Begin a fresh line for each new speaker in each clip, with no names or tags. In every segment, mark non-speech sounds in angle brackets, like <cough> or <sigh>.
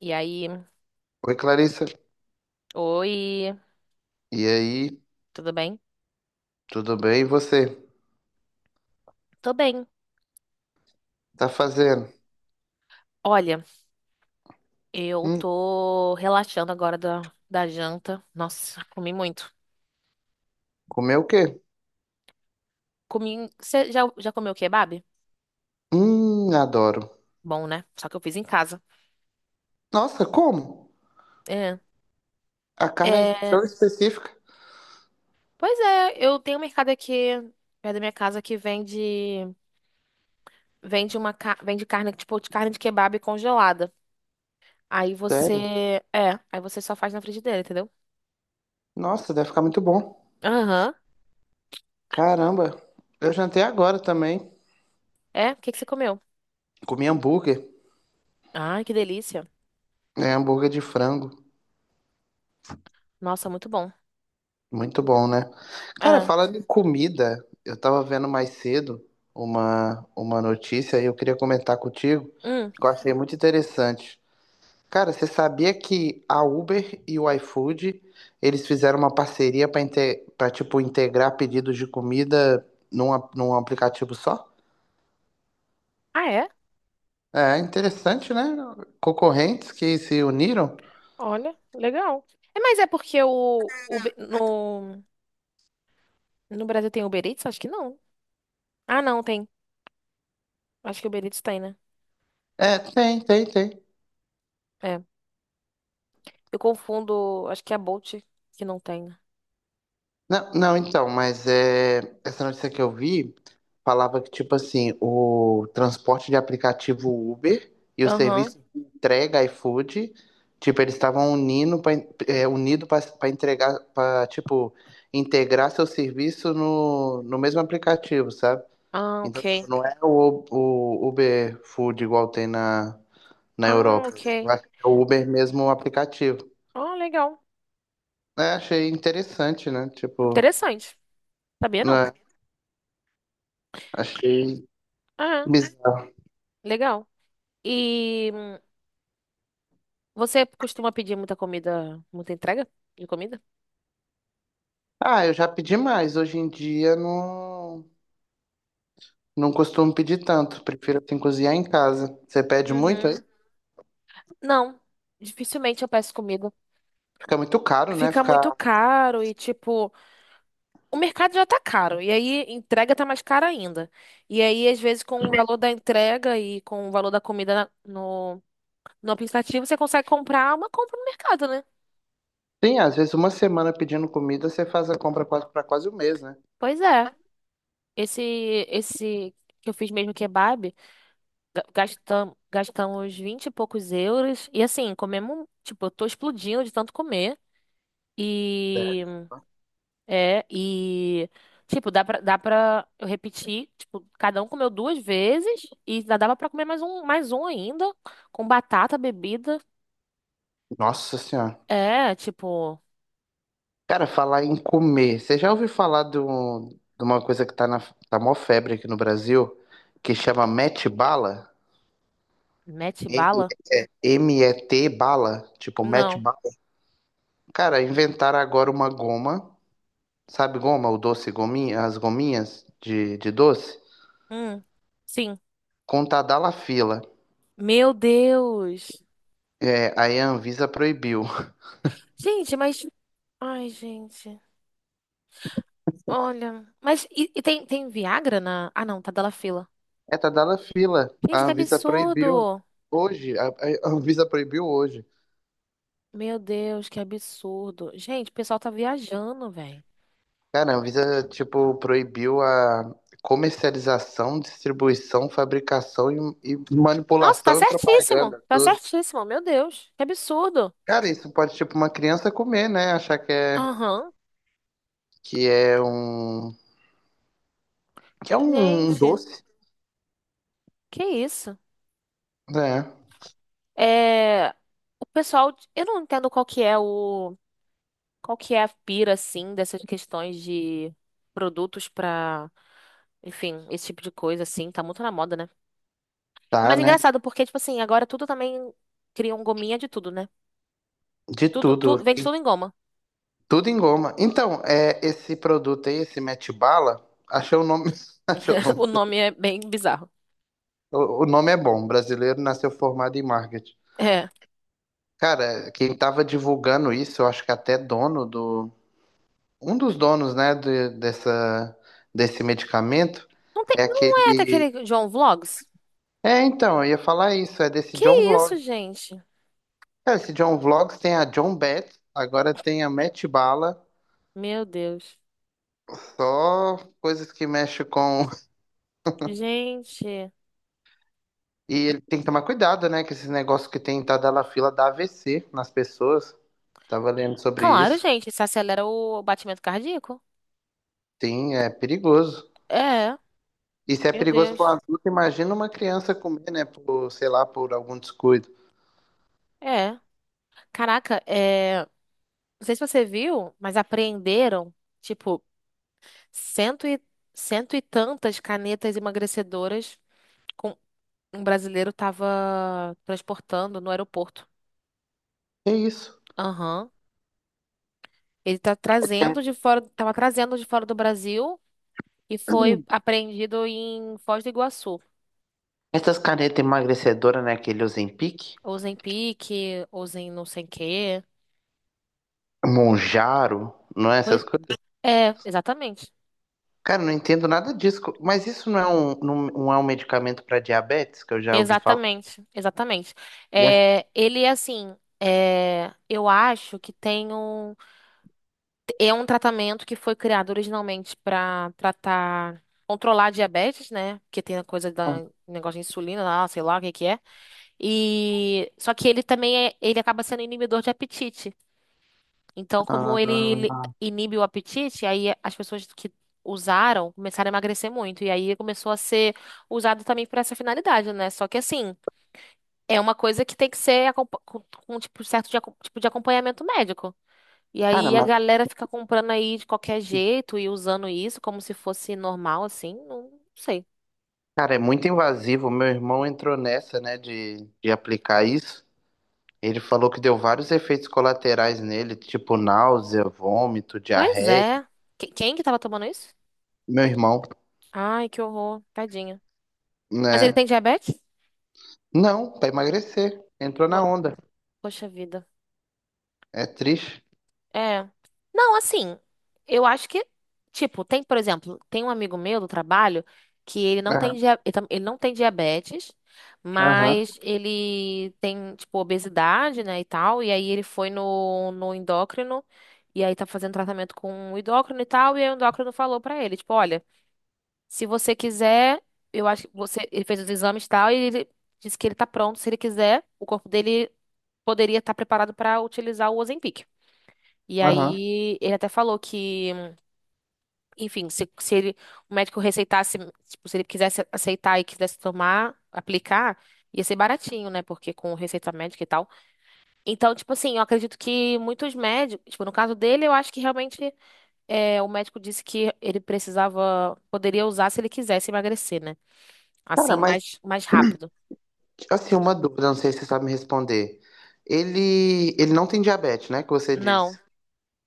E aí,
Oi, Clarissa.
oi,
E aí,
tudo bem?
tudo bem? E você?
Tô bem.
Tá fazendo?
Olha, eu
Hum,
tô relaxando agora da janta. Nossa, comi muito.
comeu o quê?
Comi. Você já comeu kebab?
Adoro.
Bom, né? Só que eu fiz em casa.
Nossa, como?
É.
A carne é
É,
tão específica.
pois é, eu tenho um mercado aqui perto da minha casa que vende vende carne, tipo, de carne de kebab congelada. Aí
Sério?
você, é, aí você só faz na frigideira, entendeu?
Nossa, deve ficar muito bom.
Aham.
Caramba, eu jantei agora também.
É, o que que você comeu?
Comi hambúrguer.
Ai, que delícia.
É, hambúrguer de frango.
Nossa, muito bom.
Muito bom, né? Cara,
É.
falando em comida, eu tava vendo mais cedo uma notícia e eu queria comentar contigo,
Hum.
que eu achei muito interessante. Cara, você sabia que a Uber e o iFood, eles fizeram uma parceria para tipo integrar pedidos de comida num aplicativo só?
Ah, é?
É interessante, né? Concorrentes que se uniram?
Olha, legal. É, mas é porque no, no Brasil tem Uber Eats? Acho que não. Ah, não, tem. Acho que Uber Eats tem, né?
É, tem.
É. Eu confundo, acho que é a Bolt que não tem, né?
Não, não, então, essa notícia que eu vi falava que, tipo assim, o transporte de aplicativo Uber e o
Aham.
serviço de entrega iFood, tipo, eles estavam unindo para é, unido para entregar, para, tipo, integrar seu serviço no mesmo aplicativo, sabe?
Ah,
Então, tipo,
ok.
não é o Uber Food igual tem na
Ah,
Europa. Eu
ok.
acho que é o Uber mesmo o aplicativo.
Ah, legal.
É, achei interessante, né? Tipo,
Interessante. Sabia não?
né? Achei.
Ah,
Bizarro.
legal. E você costuma pedir muita comida, muita entrega de comida?
Ah, eu já pedi mais. Hoje em dia não costumo pedir tanto. Prefiro assim cozinhar em casa. Você pede muito aí?
Uhum. Não. Dificilmente eu peço comida.
Fica muito caro, né?
Fica muito
Ficar.
caro e, tipo. O mercado já tá caro, e aí entrega tá mais cara ainda. E aí, às vezes, com o valor da entrega e com o valor da comida no, no aplicativo, você consegue comprar uma compra no mercado, né?
Sim, às vezes uma semana pedindo comida, você faz a compra quase para quase um mês, né?
Pois é. Esse, esse que eu fiz mesmo kebab, gastamos 20 e poucos euros. E assim, comemos, tipo, eu tô explodindo de tanto comer.
É.
E é, e, tipo, dá pra eu repetir, tipo, cada um comeu duas vezes e ainda dava pra comer mais um ainda, com batata, bebida.
Nossa Senhora.
É, tipo,
Cara, falar em comer. Você já ouviu falar do, de uma coisa que tá na tá mó febre aqui no Brasil, que chama Met Bala?
mete
M-
bala?
M-E-T Bala, tipo Met
Não.
Bala. Cara, inventaram agora uma goma. Sabe goma, o doce gominha, as gominhas de doce?
Hum, sim.
Com Tadalafila.
Meu Deus.
É, aí a Anvisa proibiu.
Gente, mas. Ai, gente. Olha. Mas e tem, tem Viagra na. Ah, não, tá dela fila.
É Tadalafila.
Gente,
A
que
Anvisa proibiu
absurdo.
hoje. A Anvisa proibiu hoje.
Meu Deus, que absurdo. Gente, o pessoal tá viajando, velho.
Cara, a Anvisa, tipo, proibiu a comercialização, distribuição, e
Nossa, tá
manipulação e
certíssimo.
propaganda.
Tá
Tudo.
certíssimo. Meu Deus, que absurdo.
Cara, isso pode, tipo, uma criança comer, né?
Aham.
Que é um, que é um
Gente,
doce.
que isso?
É,
É, o pessoal, eu não entendo qual que é a pira assim dessas questões de produtos pra, enfim, esse tipo de coisa assim, tá muito na moda, né?
tá,
Mas é
né?
engraçado porque tipo assim, agora tudo também criam gominha de tudo, né?
De
Tudo,
tudo.
tudo vende tudo em goma.
Tudo em goma. Então, é, esse produto aí, esse Mete Bala, achei o nome. <laughs> Achei o
<laughs>
nome.
O nome é bem bizarro.
O nome é bom. Brasileiro nasceu formado em marketing.
É.
Cara, quem tava divulgando isso, eu acho que até dono do. Um dos donos, né, dessa, desse medicamento
Não tem,
é
não é
aquele.
daquele João Vlogs?
É, então, eu ia falar isso, é desse
Que
John
isso,
Vlog.
gente?
Cara, esse John Vlogs tem a John Beth, agora tem a Mete Bala,
Meu Deus.
só coisas que mexem com.
Gente.
E ele tem que tomar cuidado, né? Com esses negócios que tem entrada da fila da AVC nas pessoas. Tava lendo sobre
Claro,
isso.
gente, isso acelera o batimento cardíaco.
Sim, é perigoso.
É,
E se é
meu
perigoso para um
Deus.
adulto, imagina uma criança comer, né? Por, sei lá, por algum descuido.
É. Caraca, é. Não sei se você viu, mas apreenderam, tipo, cento e, cento e tantas canetas emagrecedoras com um brasileiro tava transportando no aeroporto.
É isso.
Aham. Ele tá trazendo de fora, tava trazendo de fora do Brasil e foi
<clears throat>
apreendido em Foz do Iguaçu.
Essas canetas emagrecedoras, né? Aquele Ozempic,
Ou em Pique, ou em não sei o quê.
Monjaro, não é essas coisas?
É, exatamente.
Cara, não entendo nada disso. Mas isso não é um, não é um medicamento para diabetes, que eu já ouvi falar?
Exatamente, exatamente.
E
É, ele, assim, é, eu acho que tem um. É um tratamento que foi criado originalmente para tratar. Controlar a diabetes, né? Porque tem a coisa da negócio de insulina lá, sei lá o que que é. E só que ele também é, ele acaba sendo inibidor de apetite. Então, como ele
ah,
inibe o apetite, aí as pessoas que usaram começaram a emagrecer muito. E aí começou a ser usado também para essa finalidade, né? Só que assim. É uma coisa que tem que ser com, tipo, tipo de acompanhamento médico. E
cara,
aí a
mas
galera fica comprando aí de qualquer jeito e usando isso como se fosse normal, assim. Não, sei.
cara, é muito invasivo. Meu irmão entrou nessa, né, de aplicar isso. Ele falou que deu vários efeitos colaterais nele, tipo náusea, vômito,
Pois
diarreia.
é. Quem que tava tomando isso?
Meu irmão,
Ai, que horror. Tadinha. Mas ele
né?
tem diabetes?
Não, pra emagrecer. Entrou na
Vo-
onda.
Poxa vida.
É triste.
É. Não, assim, eu acho que, tipo, tem, por exemplo, tem um amigo meu do trabalho que ele não tem,
Aham,
ele não tem diabetes,
aham,
mas ele tem, tipo, obesidade, né, e tal, e aí ele foi no, no endócrino, e aí tá fazendo tratamento com o endócrino e tal, e aí o endócrino falou pra ele, tipo, olha, se você quiser, eu acho que você, ele fez os exames e tal, e ele disse que ele tá pronto, se ele quiser, o corpo dele poderia estar preparado pra utilizar o Ozempic. E
aham.
aí ele até falou que, enfim, se ele, o médico receitasse, tipo, se ele quisesse aceitar e quisesse tomar, aplicar, ia ser baratinho, né? Porque com receita médica e tal. Então, tipo assim, eu acredito que muitos médicos, tipo, no caso dele, eu acho que realmente é, o médico disse que ele precisava, poderia usar se ele quisesse emagrecer, né?
Cara,
Assim,
mas,
mais, mais rápido.
assim, uma dúvida, não sei se você sabe me responder. Ele não tem diabetes, né, que você
Não,
disse.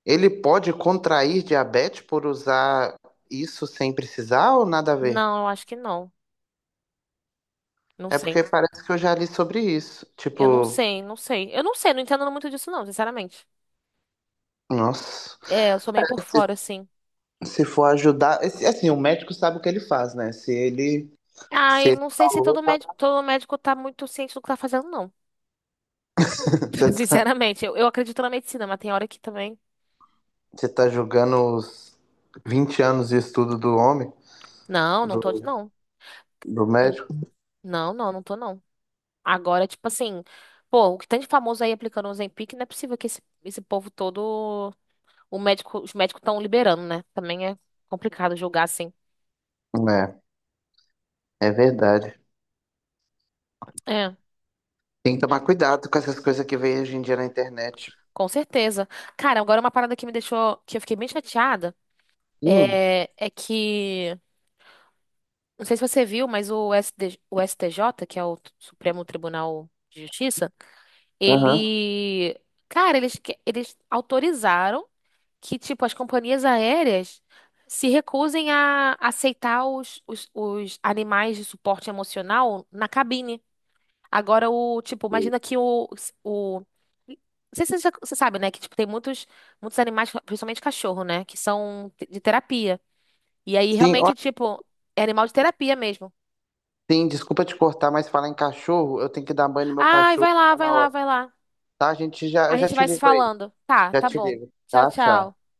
Ele pode contrair diabetes por usar isso sem precisar ou nada a ver?
não, eu acho que não. Não
É
sei.
porque parece que eu já li sobre isso.
Eu não
Tipo,
sei, não sei. Eu não sei, não entendo muito disso, não, sinceramente.
nossa.
É, eu sou meio por
Se,
fora, assim.
Se for ajudar. Assim, o médico sabe o que ele faz, né? Se ele. Se
Ai,
ele
não sei se
falou.
todo médico, todo médico tá muito ciente do que tá fazendo, não.
<laughs> Você
<laughs>
tá,
Sinceramente, eu acredito na medicina, mas tem hora que também.
Você tá julgando os 20 anos de estudo do homem,
Não, não tô, de-
do,
não.
do
Hum,
médico?
Não, não, não tô, não. Agora, tipo assim, pô, o que tem de famoso aí aplicando o Ozempic, não é possível que esse povo todo, os médicos estão liberando, né? Também é complicado julgar assim.
É, é verdade.
É,
Tem que tomar cuidado com essas coisas que vem hoje em dia na internet.
com certeza. Cara, agora uma parada que me deixou, que eu fiquei bem chateada,
Hum,
é que não sei se você viu, mas o STJ, que é o Supremo Tribunal de Justiça,
aham.
ele, cara, eles autorizaram que, tipo, as companhias aéreas se recusem a aceitar os animais de suporte emocional na cabine. Agora, o, tipo, imagina que o não sei se você, você sabe, né? Que, tipo, tem muitos, muitos animais, principalmente cachorro, né? Que são de terapia. E aí,
Sim, ó,
realmente, tipo, é animal de terapia mesmo.
sim, desculpa te cortar, mas falar em cachorro, eu tenho que dar banho no meu
Ai,
cachorro,
vai lá,
tá
vai
na
lá,
hora.
vai lá.
Tá, gente, já, eu
A
já
gente
te
vai se
ligo aí.
falando. Tá,
Já
tá
te
bom.
ligo.
Tchau,
Tá, tchau.
tchau.